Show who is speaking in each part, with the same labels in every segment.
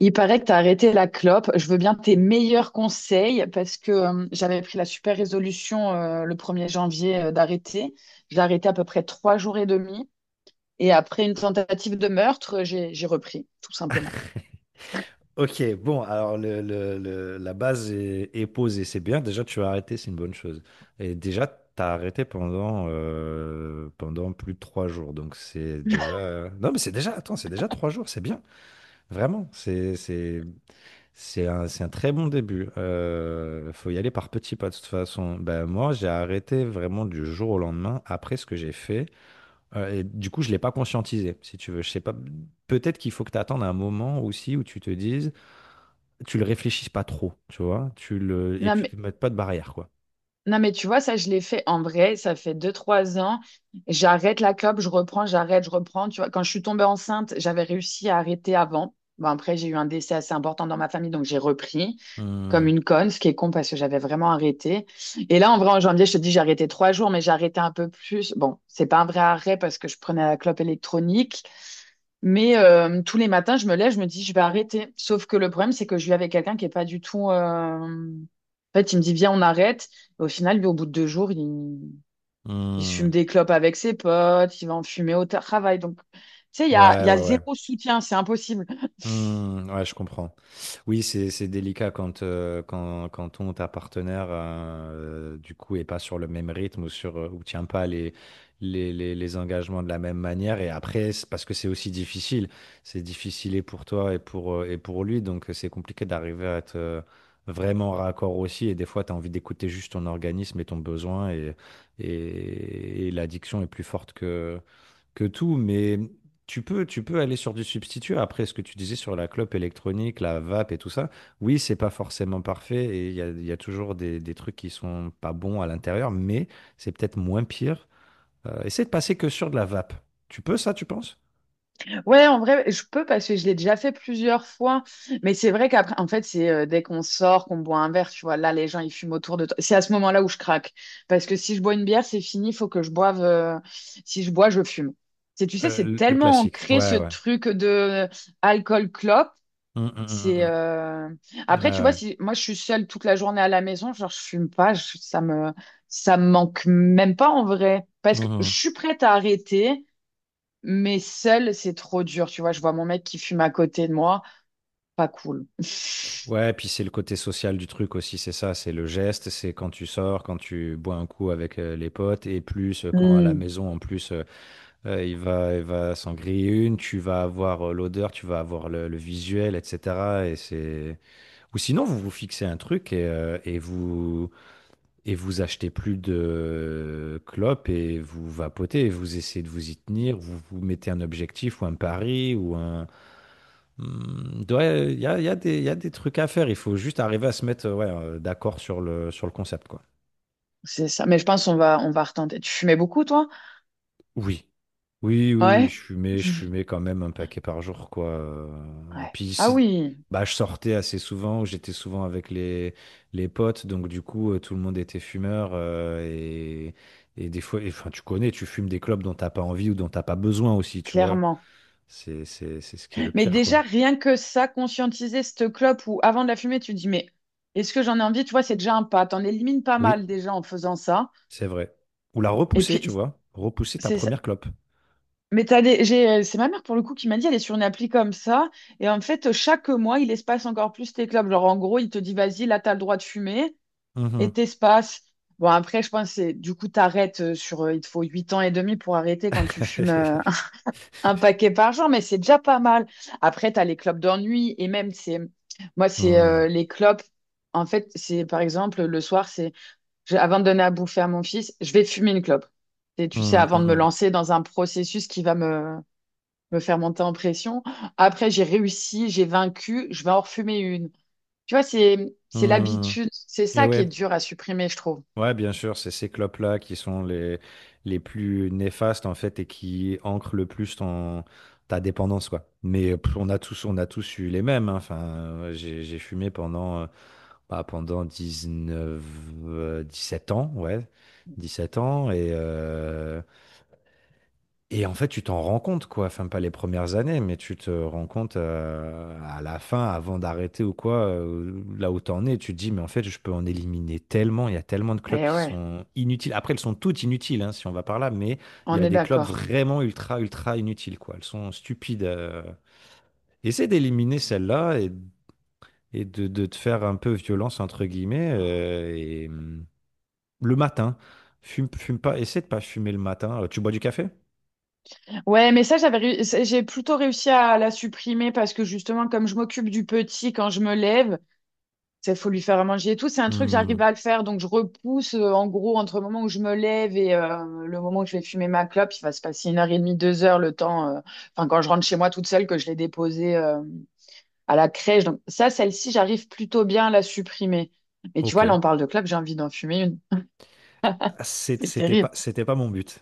Speaker 1: Il paraît que tu as arrêté la clope. Je veux bien tes meilleurs conseils parce que j'avais pris la super résolution le premier janvier d'arrêter. J'ai arrêté à peu près trois jours et demi. Et après une tentative de meurtre, j'ai repris, tout simplement.
Speaker 2: Ok, bon, alors la base est posée, c'est bien. Déjà, tu as arrêté, c'est une bonne chose. Et déjà, tu as arrêté pendant plus de trois jours. Donc, c'est déjà. Non, mais c'est déjà. Attends, c'est déjà trois jours, c'est bien. Vraiment. C'est un très bon début. Faut y aller par petits pas, de toute façon. Ben, moi, j'ai arrêté vraiment du jour au lendemain après ce que j'ai fait. Et du coup, je ne l'ai pas conscientisé, si tu veux. Je sais pas. Peut-être qu'il faut que tu attendes un moment aussi où tu te dises tu le réfléchisses pas trop, tu vois, tu le et
Speaker 1: Non,
Speaker 2: tu
Speaker 1: mais
Speaker 2: te mets pas de barrière quoi.
Speaker 1: Non, mais tu vois, ça, je l'ai fait en vrai. Ça fait deux, trois ans. J'arrête la clope, je reprends, j'arrête, je reprends. Tu vois, quand je suis tombée enceinte, j'avais réussi à arrêter avant. Bon, après, j'ai eu un décès assez important dans ma famille, donc j'ai repris comme
Speaker 2: Hmm,
Speaker 1: une conne, ce qui est con parce que j'avais vraiment arrêté. Et là, en vrai, en janvier, je te dis, j'ai arrêté trois jours, mais j'ai arrêté un peu plus. Bon, c'est pas un vrai arrêt parce que je prenais la clope électronique. Mais tous les matins, je me lève, je me dis, je vais arrêter. Sauf que le problème, c'est que je vis avec quelqu'un qui est pas du tout. En fait, il me dit, viens, on arrête. Et au final, lui, au bout de deux jours, il fume
Speaker 2: hmm.
Speaker 1: des clopes avec ses potes, il va en fumer au travail. Donc, tu sais, il
Speaker 2: Ouais,
Speaker 1: y a
Speaker 2: ouais, ouais.
Speaker 1: zéro soutien, c'est impossible.
Speaker 2: Hmm, ouais, je comprends. Oui, c'est délicat quand ton ou ta partenaire, du coup, est pas sur le même rythme ou ou tient pas les engagements de la même manière. Et après, c'est parce que c'est aussi difficile. C'est difficile et pour toi et pour lui. Donc, c'est compliqué d'arriver à être vraiment raccord aussi. Et des fois, tu as envie d'écouter juste ton organisme et ton besoin. Et l'addiction est plus forte que tout, mais tu peux aller sur du substitut. Après, ce que tu disais sur la clope électronique, la vape et tout ça, oui, c'est pas forcément parfait et il y a toujours des trucs qui sont pas bons à l'intérieur, mais c'est peut-être moins pire. Essaie de passer que sur de la vape. Tu peux ça, tu penses?
Speaker 1: Ouais, en vrai, je peux parce que je l'ai déjà fait plusieurs fois. Mais c'est vrai qu'après, en fait, c'est dès qu'on sort, qu'on boit un verre, tu vois, là, les gens, ils fument autour de toi. C'est à ce moment-là où je craque. Parce que si je bois une bière, c'est fini, il faut que je boive. Si je bois, je fume. C'est, tu sais,
Speaker 2: Euh,
Speaker 1: c'est
Speaker 2: le le
Speaker 1: tellement
Speaker 2: classique.
Speaker 1: ancré
Speaker 2: Ouais,
Speaker 1: ce
Speaker 2: ouais.
Speaker 1: truc de alcool-clope.
Speaker 2: Hum, hum, hum,
Speaker 1: C'est
Speaker 2: hum.
Speaker 1: après, tu
Speaker 2: Ah
Speaker 1: vois,
Speaker 2: ouais.
Speaker 1: si moi je suis seule toute la journée à la maison, genre je fume pas, ça me manque même pas en vrai, parce que je
Speaker 2: Mhm.
Speaker 1: suis prête à arrêter. Mais seul, c'est trop dur. Tu vois, je vois mon mec qui fume à côté de moi. Pas cool.
Speaker 2: Ouais, puis c'est le côté social du truc aussi, c'est ça, c'est le geste, c'est quand tu sors, quand tu bois un coup avec les potes, et plus quand à la
Speaker 1: Hmm,
Speaker 2: maison en plus Il va s'en griller une, tu vas avoir l'odeur, tu vas avoir le visuel, etc. Et c'est... Ou sinon, vous vous fixez un truc et vous achetez plus de clopes et vous vapotez et vous essayez de vous y tenir. Vous vous mettez un objectif ou un pari ou un... Hmm, ouais. Il y a des, il y a des trucs à faire. Il faut juste arriver à se mettre, ouais, d'accord sur le concept, quoi.
Speaker 1: c'est ça. Mais je pense on va retenter. Tu fumais beaucoup, toi?
Speaker 2: Oui. Oui, oui, oui,
Speaker 1: Ouais.
Speaker 2: je fumais quand même un paquet par jour, quoi.
Speaker 1: Ouais.
Speaker 2: Puis
Speaker 1: Ah
Speaker 2: si-
Speaker 1: oui,
Speaker 2: Bah, je sortais assez souvent, j'étais souvent avec les potes, donc du coup, tout le monde était fumeur. Et des fois, enfin, tu connais, tu fumes des clopes dont t'as pas envie ou dont t'as pas besoin aussi, tu vois.
Speaker 1: clairement.
Speaker 2: C'est ce qui est le
Speaker 1: Mais
Speaker 2: pire, quoi.
Speaker 1: déjà, rien que ça, conscientiser cette clope ou avant de la fumer, tu te dis, mais est-ce que j'en ai envie? Tu vois, c'est déjà un pas. T'en élimines pas
Speaker 2: Oui,
Speaker 1: mal déjà en faisant ça.
Speaker 2: c'est vrai. Ou la
Speaker 1: Et
Speaker 2: repousser, tu
Speaker 1: puis,
Speaker 2: vois. Repousser ta
Speaker 1: c'est ça.
Speaker 2: première clope.
Speaker 1: Mais c'est ma mère pour le coup qui m'a dit, elle est sur une appli comme ça. Et en fait, chaque mois, il espace encore plus tes clopes. Genre, en gros, il te dit, vas-y, là, t'as le droit de fumer. Et
Speaker 2: Mhm.
Speaker 1: t'espaces. Bon, après, je pense que du coup, t'arrêtes il te faut 8 ans et demi pour arrêter quand tu fumes un paquet par jour, mais c'est déjà pas mal. Après, t'as les clopes d'ennui et même, c'est, moi, c'est
Speaker 2: Hmm,
Speaker 1: les clopes. En fait, c'est par exemple, le soir, c'est, avant de donner à bouffer à mon fils, je vais fumer une clope. Et tu sais,
Speaker 2: hmm,
Speaker 1: avant de me
Speaker 2: hmm,
Speaker 1: lancer dans un processus me faire monter en pression. Après, j'ai réussi, j'ai vaincu, je vais en refumer une. Tu vois, c'est
Speaker 2: hmm. Hmm.
Speaker 1: l'habitude. C'est
Speaker 2: Et
Speaker 1: ça qui est
Speaker 2: ouais.
Speaker 1: dur à supprimer, je trouve.
Speaker 2: Ouais, bien sûr, c'est ces clopes-là qui sont les plus néfastes en fait et qui ancrent le plus ta dépendance quoi. Mais pff, on a tous eu les mêmes, hein. Enfin, ouais, j'ai fumé pendant 19 euh, 17 ans, ouais. 17 ans et en fait, tu t'en rends compte, quoi. Enfin, pas les premières années, mais tu te rends compte à la fin, avant d'arrêter ou quoi, là où t'en es, tu te dis, mais en fait, je peux en éliminer tellement. Il y a tellement de clubs
Speaker 1: Eh
Speaker 2: qui
Speaker 1: ouais,
Speaker 2: sont inutiles. Après, elles sont toutes inutiles, hein, si on va par là, mais il y
Speaker 1: on
Speaker 2: a
Speaker 1: est
Speaker 2: des clubs
Speaker 1: d'accord.
Speaker 2: vraiment ultra, ultra inutiles, quoi. Elles sont stupides. Essaie d'éliminer celles-là et de te faire un peu violence, entre guillemets, et le matin. Fume, fume pas, essaie de pas fumer le matin. Tu bois du café?
Speaker 1: Ouais, mais ça, j'ai plutôt réussi à la supprimer parce que justement, comme je m'occupe du petit quand je me lève, il faut lui faire à manger et tout. C'est un truc, j'arrive
Speaker 2: Hmm,
Speaker 1: à le faire. Donc, je repousse, en gros, entre le moment où je me lève et le moment où je vais fumer ma clope, il va se passer une heure et demie, deux heures, enfin, quand je rentre chez moi toute seule, que je l'ai déposée à la crèche. Donc, ça, celle-ci, j'arrive plutôt bien à la supprimer. Mais tu
Speaker 2: ok.
Speaker 1: vois, là, on parle de clope, j'ai envie d'en fumer une. C'est
Speaker 2: C'était pas,
Speaker 1: terrible.
Speaker 2: c'était pas mon but,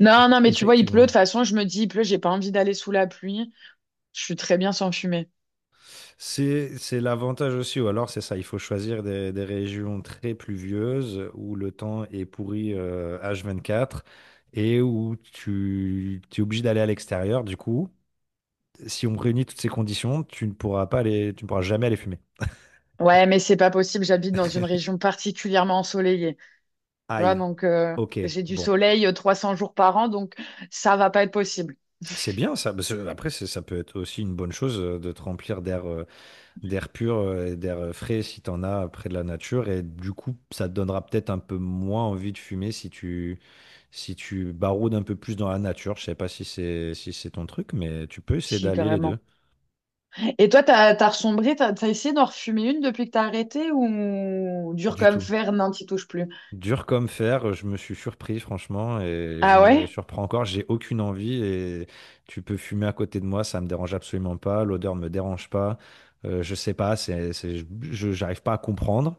Speaker 1: Non, non, mais tu vois, il pleut. De
Speaker 2: effectivement.
Speaker 1: toute façon, je me dis, il pleut, j'ai pas envie d'aller sous la pluie. Je suis très bien sans fumer.
Speaker 2: C'est l'avantage aussi, ou alors c'est ça, il faut choisir des régions très pluvieuses où le temps est pourri H24 et où tu es obligé d'aller à l'extérieur. Du coup, si on réunit toutes ces conditions, tu ne pourras pas aller, tu ne pourras jamais aller fumer.
Speaker 1: Ouais, mais c'est pas possible. J'habite dans une région particulièrement ensoleillée. Tu vois,
Speaker 2: Aïe, ok,
Speaker 1: j'ai du
Speaker 2: bon.
Speaker 1: soleil 300 jours par an, donc ça va pas être possible.
Speaker 2: C'est bien ça, parce que Après, ça peut être aussi une bonne chose de te remplir d'air pur, et d'air frais si t'en as près de la nature. Et du coup, ça te donnera peut-être un peu moins envie de fumer si tu, si tu baroudes un peu plus dans la nature. Je sais pas si c'est ton truc, mais tu peux essayer
Speaker 1: Si,
Speaker 2: d'allier les
Speaker 1: carrément.
Speaker 2: deux.
Speaker 1: Et toi, t'as ressombré, t'as essayé d'en refumer une depuis que t'as arrêté ou dur
Speaker 2: Du
Speaker 1: comme
Speaker 2: tout.
Speaker 1: fer, non, t'y touches plus.
Speaker 2: Dur comme fer, je me suis surpris franchement et je
Speaker 1: Ah
Speaker 2: me
Speaker 1: ouais?
Speaker 2: surprends encore. J'ai aucune envie et tu peux fumer à côté de moi, ça me dérange absolument pas. L'odeur me dérange pas. Je sais pas, j'arrive pas à comprendre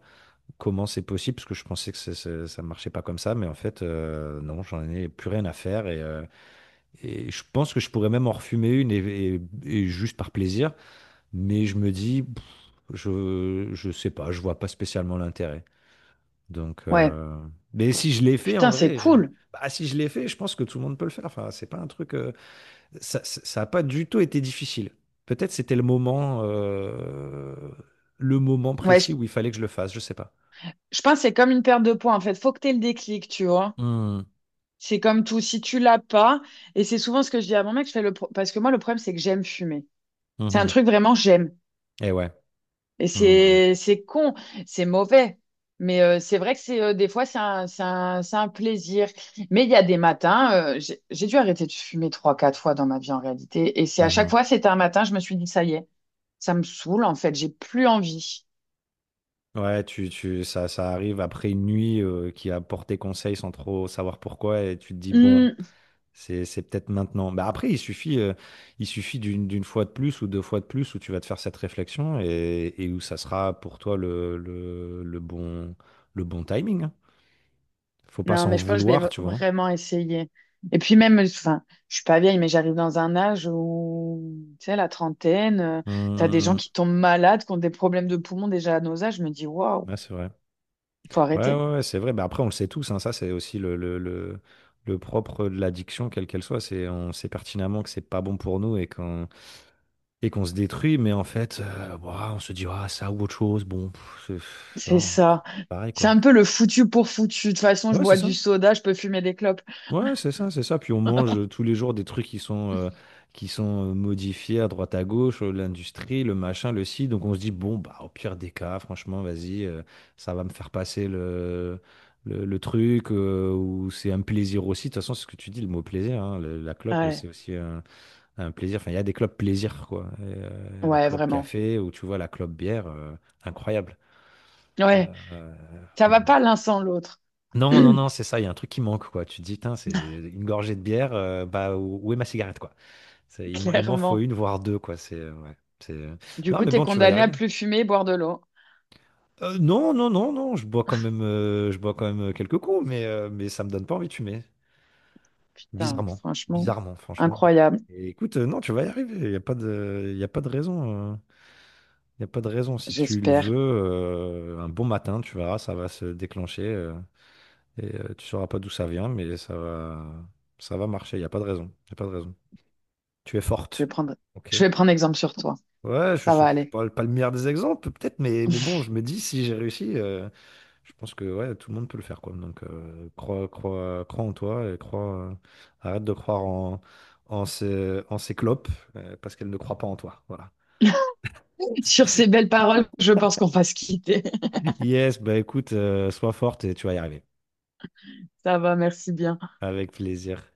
Speaker 2: comment c'est possible, parce que je pensais que ça ne marchait pas comme ça, mais en fait, non, j'en ai plus rien à faire. Et je pense que je pourrais même en refumer une, et juste par plaisir, mais je me dis, pff, je sais pas, je vois pas spécialement l'intérêt. Donc,
Speaker 1: Ouais.
Speaker 2: mais si je l'ai fait en
Speaker 1: Putain, c'est
Speaker 2: vrai,
Speaker 1: cool.
Speaker 2: bah, si je l'ai fait, je pense que tout le monde peut le faire. Enfin, c'est pas un truc, ça a pas du tout été difficile. Peut-être c'était le moment
Speaker 1: Ouais, je,
Speaker 2: précis où il fallait que je le fasse, je sais pas.
Speaker 1: je pense que c'est comme une perte de poids, en fait. Faut que t'aies le déclic, tu vois.
Speaker 2: Hmm.
Speaker 1: C'est comme tout, si tu l'as pas, et c'est souvent ce que je dis à mon mec, je fais le pro- parce que moi le problème c'est que j'aime fumer. C'est un
Speaker 2: Mhm.
Speaker 1: truc vraiment j'aime.
Speaker 2: Et ouais.
Speaker 1: Et
Speaker 2: Mmh.
Speaker 1: c'est con, c'est mauvais. Mais c'est vrai que c'est des fois c'est un plaisir. Mais il y a des matins, j'ai dû arrêter de fumer trois, quatre fois dans ma vie en réalité. Et c'est
Speaker 2: Mmh,
Speaker 1: à chaque
Speaker 2: mmh.
Speaker 1: fois, c'était un matin, je me suis dit ça y est, ça me saoule en fait, j'ai plus envie.
Speaker 2: Ouais, ça arrive après une nuit qui a porté conseil sans trop savoir pourquoi, et tu te dis, bon,
Speaker 1: Hmm.
Speaker 2: c'est peut-être maintenant. Bah après, il suffit d'une fois de plus ou deux fois de plus où tu vas te faire cette réflexion et où ça sera pour toi le bon timing, hein. Faut pas
Speaker 1: Non,
Speaker 2: s'en
Speaker 1: mais je pense que je vais
Speaker 2: vouloir, tu vois.
Speaker 1: vraiment essayer. Et puis même, enfin, je suis pas vieille, mais j'arrive dans un âge où, tu sais, la trentaine,
Speaker 2: Mmh,
Speaker 1: t'as des
Speaker 2: mmh,
Speaker 1: gens
Speaker 2: mmh.
Speaker 1: qui tombent malades, qui ont des problèmes de poumons déjà à nos âges. Je me dis, waouh,
Speaker 2: Ouais, c'est vrai.
Speaker 1: il faut
Speaker 2: Ouais,
Speaker 1: arrêter.
Speaker 2: ouais, ouais, c'est vrai. Mais après, on le sait tous, hein, ça, c'est aussi le propre de l'addiction, quelle qu'elle soit. C'est, on sait pertinemment que c'est pas bon pour nous et qu'on se détruit. Mais en fait, ouah, on se dit, ah, ça ou autre chose, bon, pff,
Speaker 1: C'est
Speaker 2: non,
Speaker 1: ça.
Speaker 2: pareil,
Speaker 1: C'est
Speaker 2: quoi.
Speaker 1: un peu le foutu pour foutu. De toute façon, je
Speaker 2: Ouais, c'est
Speaker 1: bois
Speaker 2: ça.
Speaker 1: du soda, je peux fumer des clopes.
Speaker 2: Ouais, c'est ça, c'est ça. Puis on mange tous les jours des trucs qui sont modifiés à droite à gauche, l'industrie, le machin, le ci. Donc on se dit, bon, bah, au pire des cas, franchement, vas-y, ça va me faire passer le truc, ou c'est un plaisir aussi. De toute façon, c'est ce que tu dis, le mot plaisir, hein. La clope,
Speaker 1: Ouais,
Speaker 2: c'est aussi un plaisir. Enfin, il y a des clopes plaisir, quoi. La
Speaker 1: ouais,
Speaker 2: clope
Speaker 1: vraiment.
Speaker 2: café, ou tu vois, la clope bière, incroyable.
Speaker 1: Ouais,
Speaker 2: Euh,
Speaker 1: ça va pas l'un sans l'autre,
Speaker 2: non, non, non, c'est ça, il y a un truc qui manque, quoi. Tu te dis, Tain, c'est une gorgée de bière, bah, où est ma cigarette, quoi? Il m'en faut
Speaker 1: clairement.
Speaker 2: une, voire deux, quoi. Ouais, c'est...
Speaker 1: Du
Speaker 2: Non,
Speaker 1: coup,
Speaker 2: mais
Speaker 1: t'es
Speaker 2: bon, tu vas y
Speaker 1: condamné à
Speaker 2: arriver.
Speaker 1: plus fumer et boire de l'eau.
Speaker 2: Non, non, non, non, je bois quand même, je bois quand même quelques coups, mais ça me donne pas envie de fumer.
Speaker 1: Putain,
Speaker 2: Bizarrement.
Speaker 1: franchement,
Speaker 2: Bizarrement, franchement.
Speaker 1: incroyable,
Speaker 2: Et écoute, non, tu vas y arriver. Il y a pas de raison. Il n'y a pas de raison. Si tu le
Speaker 1: j'espère.
Speaker 2: veux, un bon matin, tu verras, ça va se déclencher. Tu sauras pas d'où ça vient, mais ça va marcher. Il n'y a pas de raison. Il a pas de raison. Tu es
Speaker 1: Je vais
Speaker 2: forte.
Speaker 1: prendre,
Speaker 2: Ok.
Speaker 1: je vais prendre exemple sur toi.
Speaker 2: Ouais, je ne
Speaker 1: Ça
Speaker 2: suis
Speaker 1: va aller.
Speaker 2: pas le meilleur des exemples, peut-être, mais bon, je me dis, si j'ai réussi, je pense que ouais, tout le monde peut le faire, quoi. Donc, crois en toi et arrête de croire en ces clopes, parce qu'elles ne croient pas en toi. Voilà.
Speaker 1: Sur ces belles paroles, je pense qu'on va se quitter.
Speaker 2: Yes, bah écoute, sois forte et tu vas y arriver.
Speaker 1: Ça va, merci bien.
Speaker 2: Avec plaisir.